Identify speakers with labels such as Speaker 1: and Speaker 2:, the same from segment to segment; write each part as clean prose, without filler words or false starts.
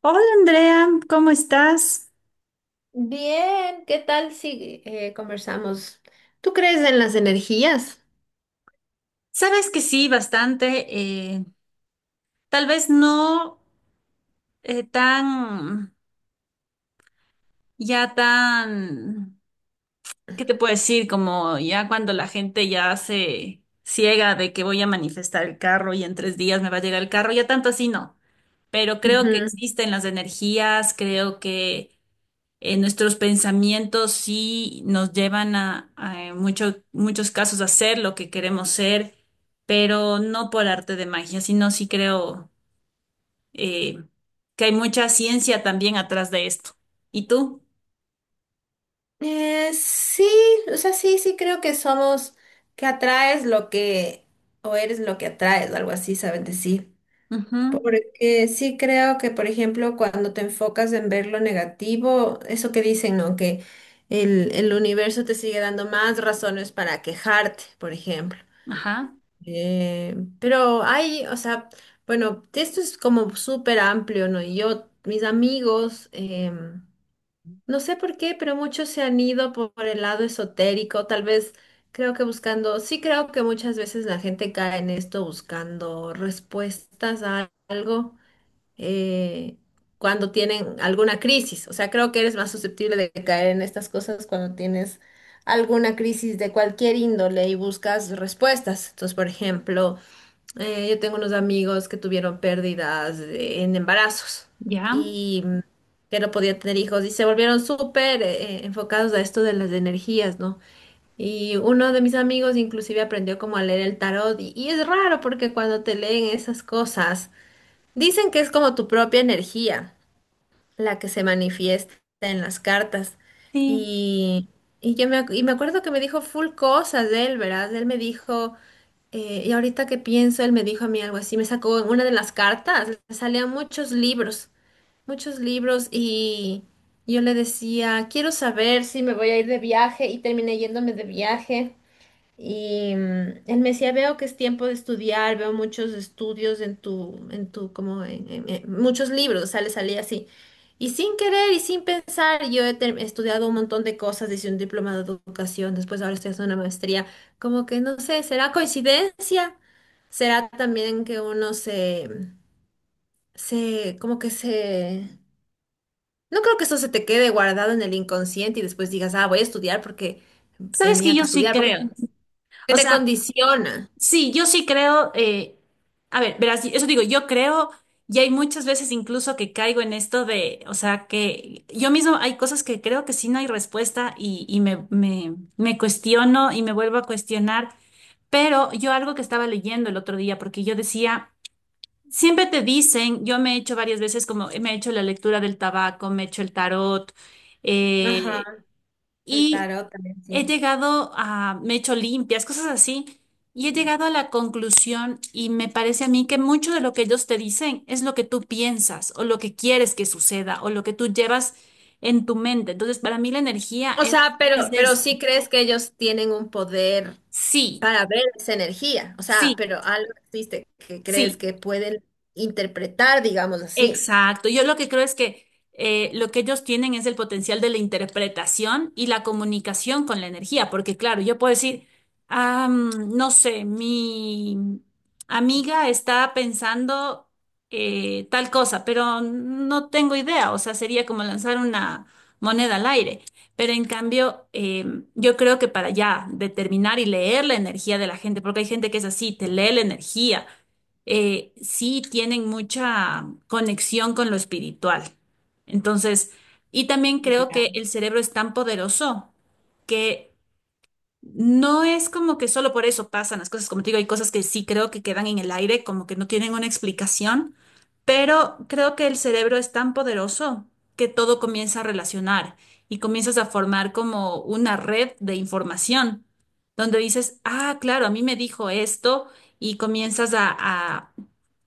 Speaker 1: Hola Andrea, ¿cómo estás?
Speaker 2: Bien, ¿qué tal si conversamos? ¿Tú crees en las energías?
Speaker 1: Sabes que sí, bastante. Tal vez no eh, tan, ya tan, ¿qué te puedo decir? Como ya cuando la gente ya se ciega de que voy a manifestar el carro y en tres días me va a llegar el carro, ya tanto así no. Pero creo que
Speaker 2: Ujú.
Speaker 1: existen las energías, creo que nuestros pensamientos sí nos llevan en muchos casos a ser lo que queremos ser, pero no por arte de magia, sino sí creo eh, que hay mucha ciencia también atrás de esto. ¿Y tú?
Speaker 2: Sí, o sea, sí, sí creo que somos, que atraes lo que, o eres lo que atraes, o algo así, saben decir.
Speaker 1: Ujú.
Speaker 2: Porque sí creo que, por ejemplo, cuando te enfocas en ver lo negativo, eso que dicen, ¿no? Que el universo te sigue dando más razones para quejarte, por ejemplo.
Speaker 1: Ajá.
Speaker 2: Pero hay, o sea, bueno, esto es como súper amplio, ¿no? Y yo, mis amigos, no sé por qué, pero muchos se han ido por el lado esotérico, tal vez creo que buscando, sí creo que muchas veces la gente cae en esto buscando respuestas a algo eh, cuando tienen alguna crisis, o sea, creo que eres más susceptible de caer en estas cosas cuando tienes alguna crisis de cualquier índole y buscas respuestas. Entonces, por ejemplo, yo tengo unos amigos que tuvieron pérdidas en embarazos
Speaker 1: Ya.
Speaker 2: y que no podían tener hijos y se volvieron súper enfocados a esto de las energías, ¿no? Y uno de mis amigos inclusive aprendió como a leer el tarot y es raro porque cuando te leen esas cosas, dicen que es como tu propia energía la que se manifiesta en las cartas.
Speaker 1: Sí.
Speaker 2: Y, y me acuerdo que me dijo full cosas de él, ¿verdad? Él me dijo, y ahorita que pienso, él me dijo a mí algo así, me sacó en una de las cartas, le salían muchos libros, y yo le decía, quiero saber si me voy a ir de viaje, y terminé yéndome de viaje. Y él me decía, veo que es tiempo de estudiar, veo muchos estudios en tu, como en muchos libros, salía así. Y sin querer y sin pensar, yo he estudiado un montón de cosas, hice un diplomado de educación, después ahora estoy haciendo una maestría, como que no sé, ¿será coincidencia? ¿Será también que uno se. No creo que eso se te quede guardado en el inconsciente y después digas, ah, voy a estudiar porque
Speaker 1: Sabes que
Speaker 2: tenía que
Speaker 1: yo sí
Speaker 2: estudiar, porque
Speaker 1: creo.
Speaker 2: que
Speaker 1: O
Speaker 2: te
Speaker 1: sea,
Speaker 2: condiciona.
Speaker 1: sí, yo sí creo. A ver, verás, eso digo, yo creo, y hay muchas veces incluso que caigo en esto de, o sea, que yo mismo hay cosas que creo que sí no hay respuesta y me cuestiono y me vuelvo a cuestionar, pero yo algo que estaba leyendo el otro día, porque yo decía, siempre te dicen, yo me he hecho varias veces como, me he hecho la lectura del tabaco, me he hecho el tarot. Mm.
Speaker 2: Ajá,
Speaker 1: eh,
Speaker 2: el
Speaker 1: y
Speaker 2: tarot también,
Speaker 1: he
Speaker 2: sí.
Speaker 1: llegado a, me he hecho limpias, cosas así, y he llegado a la conclusión y me parece a mí que mucho de lo que ellos te dicen es lo que tú piensas o lo que quieres que suceda o lo que tú llevas en tu mente. Entonces, para mí la energía
Speaker 2: O sea,
Speaker 1: es de
Speaker 2: pero
Speaker 1: eso.
Speaker 2: sí crees que ellos tienen un poder
Speaker 1: Sí,
Speaker 2: para ver esa energía. O sea,
Speaker 1: sí,
Speaker 2: pero algo existe que crees
Speaker 1: sí.
Speaker 2: que pueden interpretar, digamos así.
Speaker 1: Exacto. Yo lo que creo es que lo que ellos tienen es el potencial de la interpretación y la comunicación con la energía, porque claro, yo puedo decir, "Ah, no sé, mi amiga está pensando tal cosa", pero no tengo idea, o sea, sería como lanzar una moneda al aire. Pero en cambio, yo creo que para ya determinar y leer la energía de la gente, porque hay gente que es así, te lee la energía, sí tienen mucha conexión con lo espiritual. Entonces, y también creo que
Speaker 2: Ya.
Speaker 1: el cerebro es tan poderoso que no es como que solo por eso pasan las cosas, como te digo, hay cosas que sí creo que quedan en el aire, como que no tienen una explicación, pero creo que el cerebro es tan poderoso que todo comienza a relacionar y comienzas a formar como una red de información, donde dices, ah, claro, a mí me dijo esto y comienzas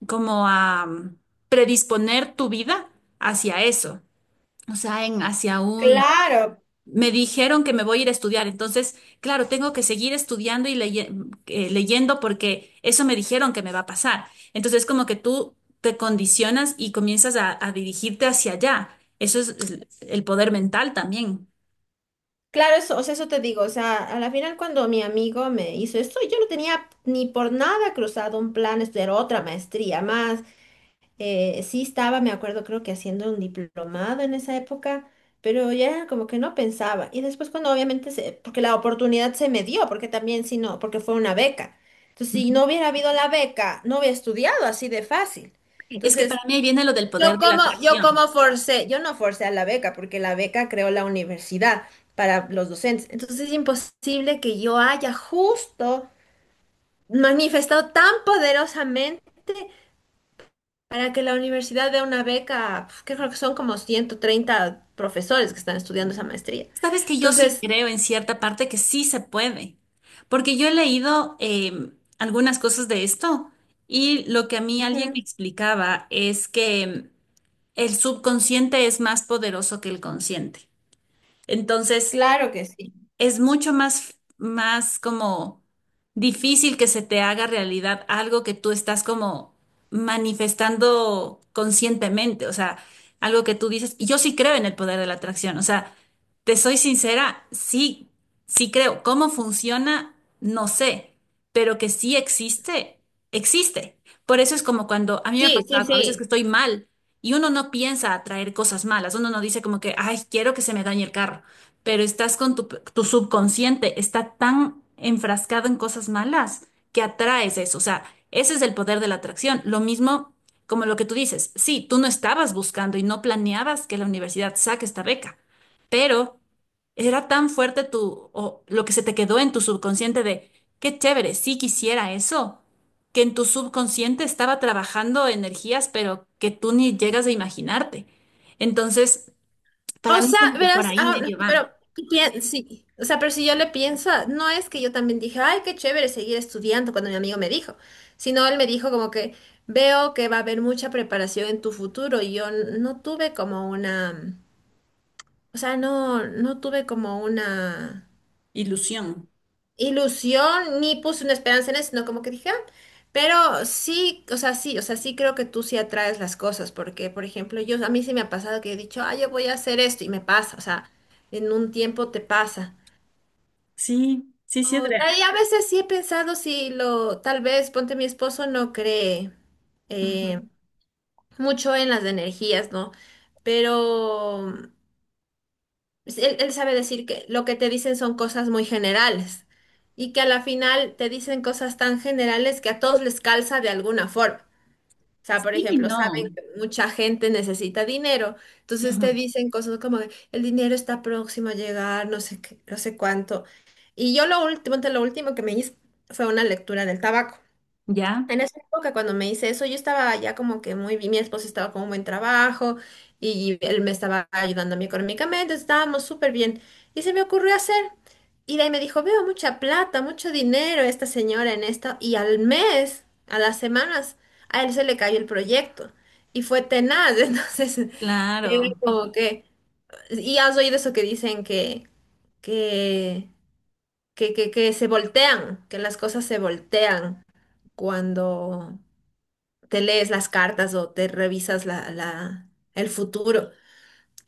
Speaker 1: como a predisponer tu vida hacia eso, o sea, en, hacia Mm. un
Speaker 2: Claro,
Speaker 1: me dijeron que me voy a ir a estudiar. Entonces, claro, tengo que seguir estudiando y leyendo porque eso me dijeron que me va a pasar. Entonces, como que tú te condicionas y comienzas a dirigirte hacia allá. Eso es el poder mental también.
Speaker 2: claro, eso, o sea, eso te digo, o sea, a la final cuando mi amigo me hizo esto, yo no tenía ni por nada cruzado un plan de estudiar otra maestría más, sí estaba, me acuerdo, creo que haciendo un diplomado en esa época, pero ya como que no pensaba, y después cuando obviamente, se, porque la oportunidad se me dio, porque también si no, porque fue una beca, entonces si
Speaker 1: Ujú.
Speaker 2: no hubiera habido la beca, no hubiera estudiado así de fácil.
Speaker 1: Es que para
Speaker 2: Entonces,
Speaker 1: mí ahí viene lo del poder
Speaker 2: Yo
Speaker 1: de la
Speaker 2: como, yo
Speaker 1: atracción.
Speaker 2: como forcé, yo no forcé a la beca porque la beca creó la universidad para los docentes. Entonces es imposible que yo haya justo manifestado tan poderosamente para que la universidad dé una beca, que creo que son como 130 profesores que están estudiando esa maestría.
Speaker 1: Sabes que yo sí
Speaker 2: Entonces,
Speaker 1: creo en cierta parte que sí se puede, porque yo he leído algunas cosas de esto y lo que a mí alguien me
Speaker 2: ujú,
Speaker 1: explicaba es que el subconsciente es más poderoso que el consciente. Entonces,
Speaker 2: claro que sí.
Speaker 1: es mucho más, más como difícil que se te haga realidad algo que tú estás como manifestando conscientemente, o sea, algo que tú dices, y yo sí creo en el poder de la atracción, o sea, te soy sincera, sí, sí creo. ¿Cómo funciona? No sé, pero que sí existe, existe. Por eso es como cuando a mí me ha
Speaker 2: Sí, sí,
Speaker 1: pasado, a veces que
Speaker 2: sí.
Speaker 1: estoy mal y uno no piensa atraer cosas malas, uno no dice como que, ay, quiero que se me dañe el carro, pero estás con tu, tu subconsciente, está tan enfrascado en cosas malas que atraes eso. O sea, ese es el poder de la atracción. Lo mismo como lo que tú dices, sí, tú no estabas buscando y no planeabas que la universidad saque esta beca, pero era tan fuerte tu, o lo que se te quedó en tu subconsciente de, qué chévere, sí quisiera eso, que en tu subconsciente estaba trabajando energías, pero que tú ni llegas a imaginarte. Entonces, para
Speaker 2: O
Speaker 1: mí
Speaker 2: sea,
Speaker 1: como que por
Speaker 2: verás,
Speaker 1: ahí
Speaker 2: ah, no,
Speaker 1: medio va.
Speaker 2: pero sí, o sea, pero si yo le pienso, no es que yo también dije, ay, qué chévere seguir estudiando cuando mi amigo me dijo, sino él me dijo como que veo que va a haber mucha preparación en tu futuro y yo no tuve como una, o sea, no tuve como una
Speaker 1: Ilusión.
Speaker 2: ilusión ni puse una esperanza en eso, sino como que dije, "Ah", pero sí, o sea, sí, o sea, sí creo que tú sí atraes las cosas, porque, por ejemplo, yo, a mí sí me ha pasado que he dicho, ah, yo voy a hacer esto y me pasa, o sea, en un tiempo te pasa.
Speaker 1: Sí, sí, sí es real.
Speaker 2: Y a veces sí he pensado si lo, tal vez, ponte mi esposo no cree eh,
Speaker 1: Ujú.
Speaker 2: mucho en las energías, ¿no? Pero pues, él sabe decir que lo que te dicen son cosas muy generales y que a la final te dicen cosas tan generales que a todos les calza de alguna forma. O sea, por
Speaker 1: Sí, y
Speaker 2: ejemplo, saben
Speaker 1: no.
Speaker 2: que mucha gente necesita dinero, entonces te
Speaker 1: Ujú.
Speaker 2: dicen cosas como que el dinero está próximo a llegar, no sé qué, no sé cuánto. Y yo lo último que me hice fue una lectura del tabaco.
Speaker 1: ¿Ya?
Speaker 2: En esa época, cuando me hice eso, yo estaba ya como que muy bien, mi esposo estaba con un buen trabajo y él me estaba ayudando a mí económicamente, estábamos súper bien. Y se me ocurrió hacer, y de ahí me dijo, veo mucha plata, mucho dinero esta señora en esto, y al mes, a las semanas, a él se le cayó el proyecto y fue tenaz, entonces, él
Speaker 1: Claro.
Speaker 2: como que, y has oído eso que dicen que, que se voltean, que las cosas se voltean cuando te lees las cartas o te revisas el futuro.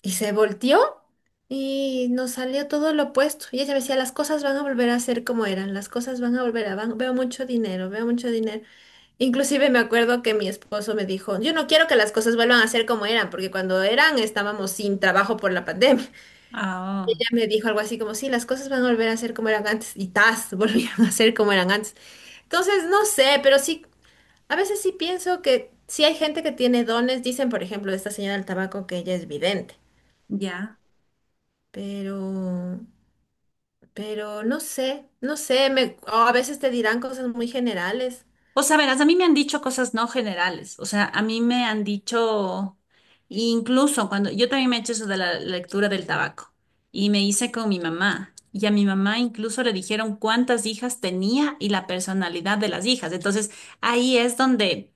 Speaker 2: Y se volteó y nos salió todo lo opuesto. Y ella me decía, las cosas van a volver a ser como eran, las cosas van a volver veo mucho dinero, veo mucho dinero. Inclusive me acuerdo que mi esposo me dijo, yo no quiero que las cosas vuelvan a ser como eran, porque cuando eran estábamos sin trabajo por la pandemia.
Speaker 1: Ah, oh,
Speaker 2: Ella me dijo algo así como, sí, las cosas van a volver a ser como eran antes. Y tas, volvieron a ser como eran antes. Entonces, no sé, pero sí. A veces sí pienso que sí hay gente que tiene dones, dicen por ejemplo esta señora del tabaco que ella es vidente,
Speaker 1: ya.
Speaker 2: pero, pero no sé, no sé, o a veces te dirán cosas muy generales.
Speaker 1: O sea, verás, a mí me han dicho cosas no generales. O sea, a mí me han dicho, incluso cuando yo también me he hecho eso de la lectura del tabaco y me hice con mi mamá. Y a mi mamá incluso le dijeron cuántas hijas tenía y la personalidad de las hijas. Entonces, ahí es donde…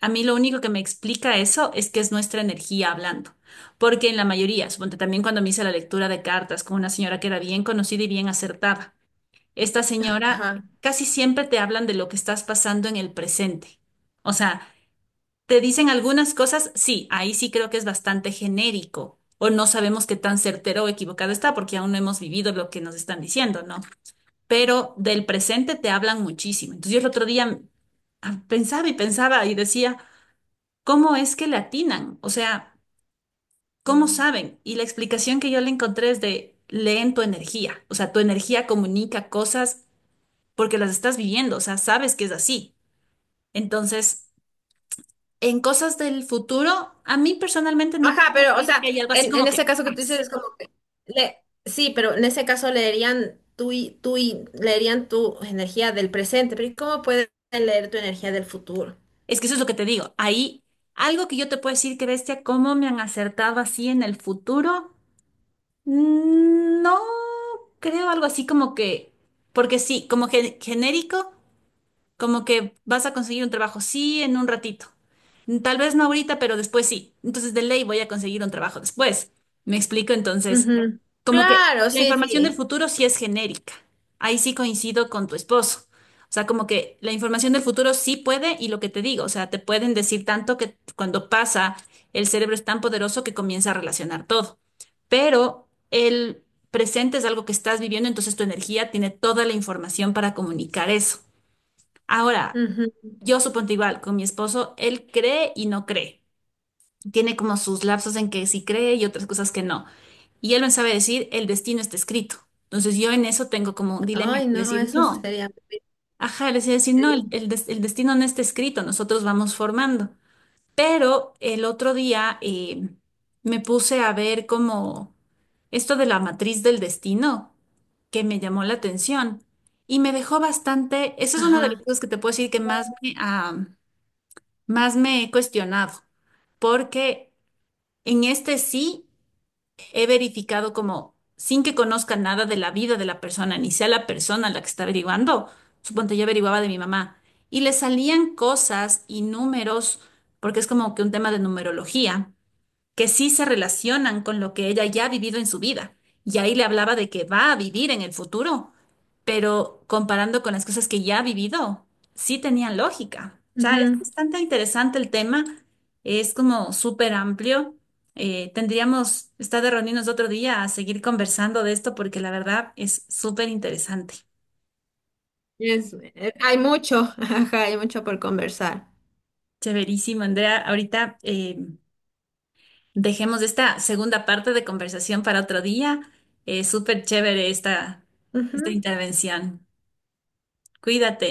Speaker 1: A mí lo único que me explica eso es que es nuestra energía hablando, porque en la mayoría, suponte también cuando me hice la lectura de cartas con una señora que era bien conocida y bien acertada, esta señora
Speaker 2: Ajá.
Speaker 1: casi siempre te hablan de lo que estás pasando en el presente. O sea, te dicen algunas cosas, sí, ahí sí creo que es bastante genérico, o no sabemos qué tan certero o equivocado está porque aún no hemos vivido lo que nos están diciendo, ¿no? Pero del presente te hablan muchísimo. Entonces yo el otro día pensaba y pensaba y decía… ¿cómo es que le atinan? O sea, ¿cómo saben? Y la explicación que yo le encontré es de leen tu energía. O sea, tu energía comunica cosas porque las estás viviendo, o sea, sabes que es así. Entonces, en cosas del futuro, a mí personalmente no te
Speaker 2: Ajá,
Speaker 1: puedo
Speaker 2: pero o
Speaker 1: decir
Speaker 2: sea,
Speaker 1: que hay algo así
Speaker 2: en
Speaker 1: como
Speaker 2: ese
Speaker 1: que
Speaker 2: caso que tú dices
Speaker 1: ¡paz!
Speaker 2: es como que sí, pero en ese caso leerían tú y leerían tu energía del presente, pero ¿y cómo pueden leer tu energía del futuro?
Speaker 1: Es que eso es lo que te digo. Ahí, algo que yo te puedo decir que bestia, cómo me han acertado así en el futuro, no creo algo así como que, porque sí, como genérico. Como que vas a conseguir un trabajo, sí, en un ratito. Tal vez no ahorita, pero después sí. Entonces, de ley voy a conseguir un trabajo después. ¿Me explico? Entonces,
Speaker 2: Ujú.
Speaker 1: como que
Speaker 2: Claro,
Speaker 1: la
Speaker 2: sí,
Speaker 1: información del
Speaker 2: sí.
Speaker 1: futuro sí es genérica. Ahí sí coincido con tu esposo. O sea, como que la información del futuro sí puede y lo que te digo, o sea, te pueden decir tanto que cuando pasa, el cerebro es tan poderoso que comienza a relacionar todo. Pero el presente es algo que estás viviendo, entonces tu energía tiene toda la información para comunicar eso. Ahora,
Speaker 2: Ujú.
Speaker 1: yo supongo igual, con mi esposo, él cree y no cree. Tiene como sus lapsos en que sí cree y otras cosas que no. Y él me sabe decir, el destino está escrito. Entonces yo en eso tengo como un dilema de
Speaker 2: Ay, no,
Speaker 1: decir,
Speaker 2: eso
Speaker 1: no,
Speaker 2: sería muy
Speaker 1: ajá, le decía decir, no,
Speaker 2: triste.
Speaker 1: el destino no está escrito, nosotros vamos formando. Pero el otro día me puse a ver como esto de la matriz del destino, que me llamó la atención y me dejó bastante, esa es una de las
Speaker 2: Ajá.
Speaker 1: cosas que te puedo decir que más me, más me he cuestionado, porque en este sí he verificado como sin que conozca nada de la vida de la persona, ni sea la persona la que está averiguando. Suponte yo averiguaba de mi mamá y le salían cosas y números, porque es como que un tema de numerología que sí se relacionan con lo que ella ya ha vivido en su vida. Y ahí le hablaba de que va a vivir en el futuro, pero comparando con las cosas que ya ha vivido, sí tenían lógica. O sea, es
Speaker 2: Ujú.
Speaker 1: bastante interesante el tema, es como súper amplio. Tendríamos, está de reunirnos otro día a seguir conversando de esto porque la verdad es súper interesante.
Speaker 2: Hay mucho, ajá, hay mucho por conversar.
Speaker 1: Chéverísimo, Andrea. Ahorita dejemos esta segunda parte de conversación para otro día. Súper chévere esta,
Speaker 2: Ujú.
Speaker 1: esta intervención. Cuídate.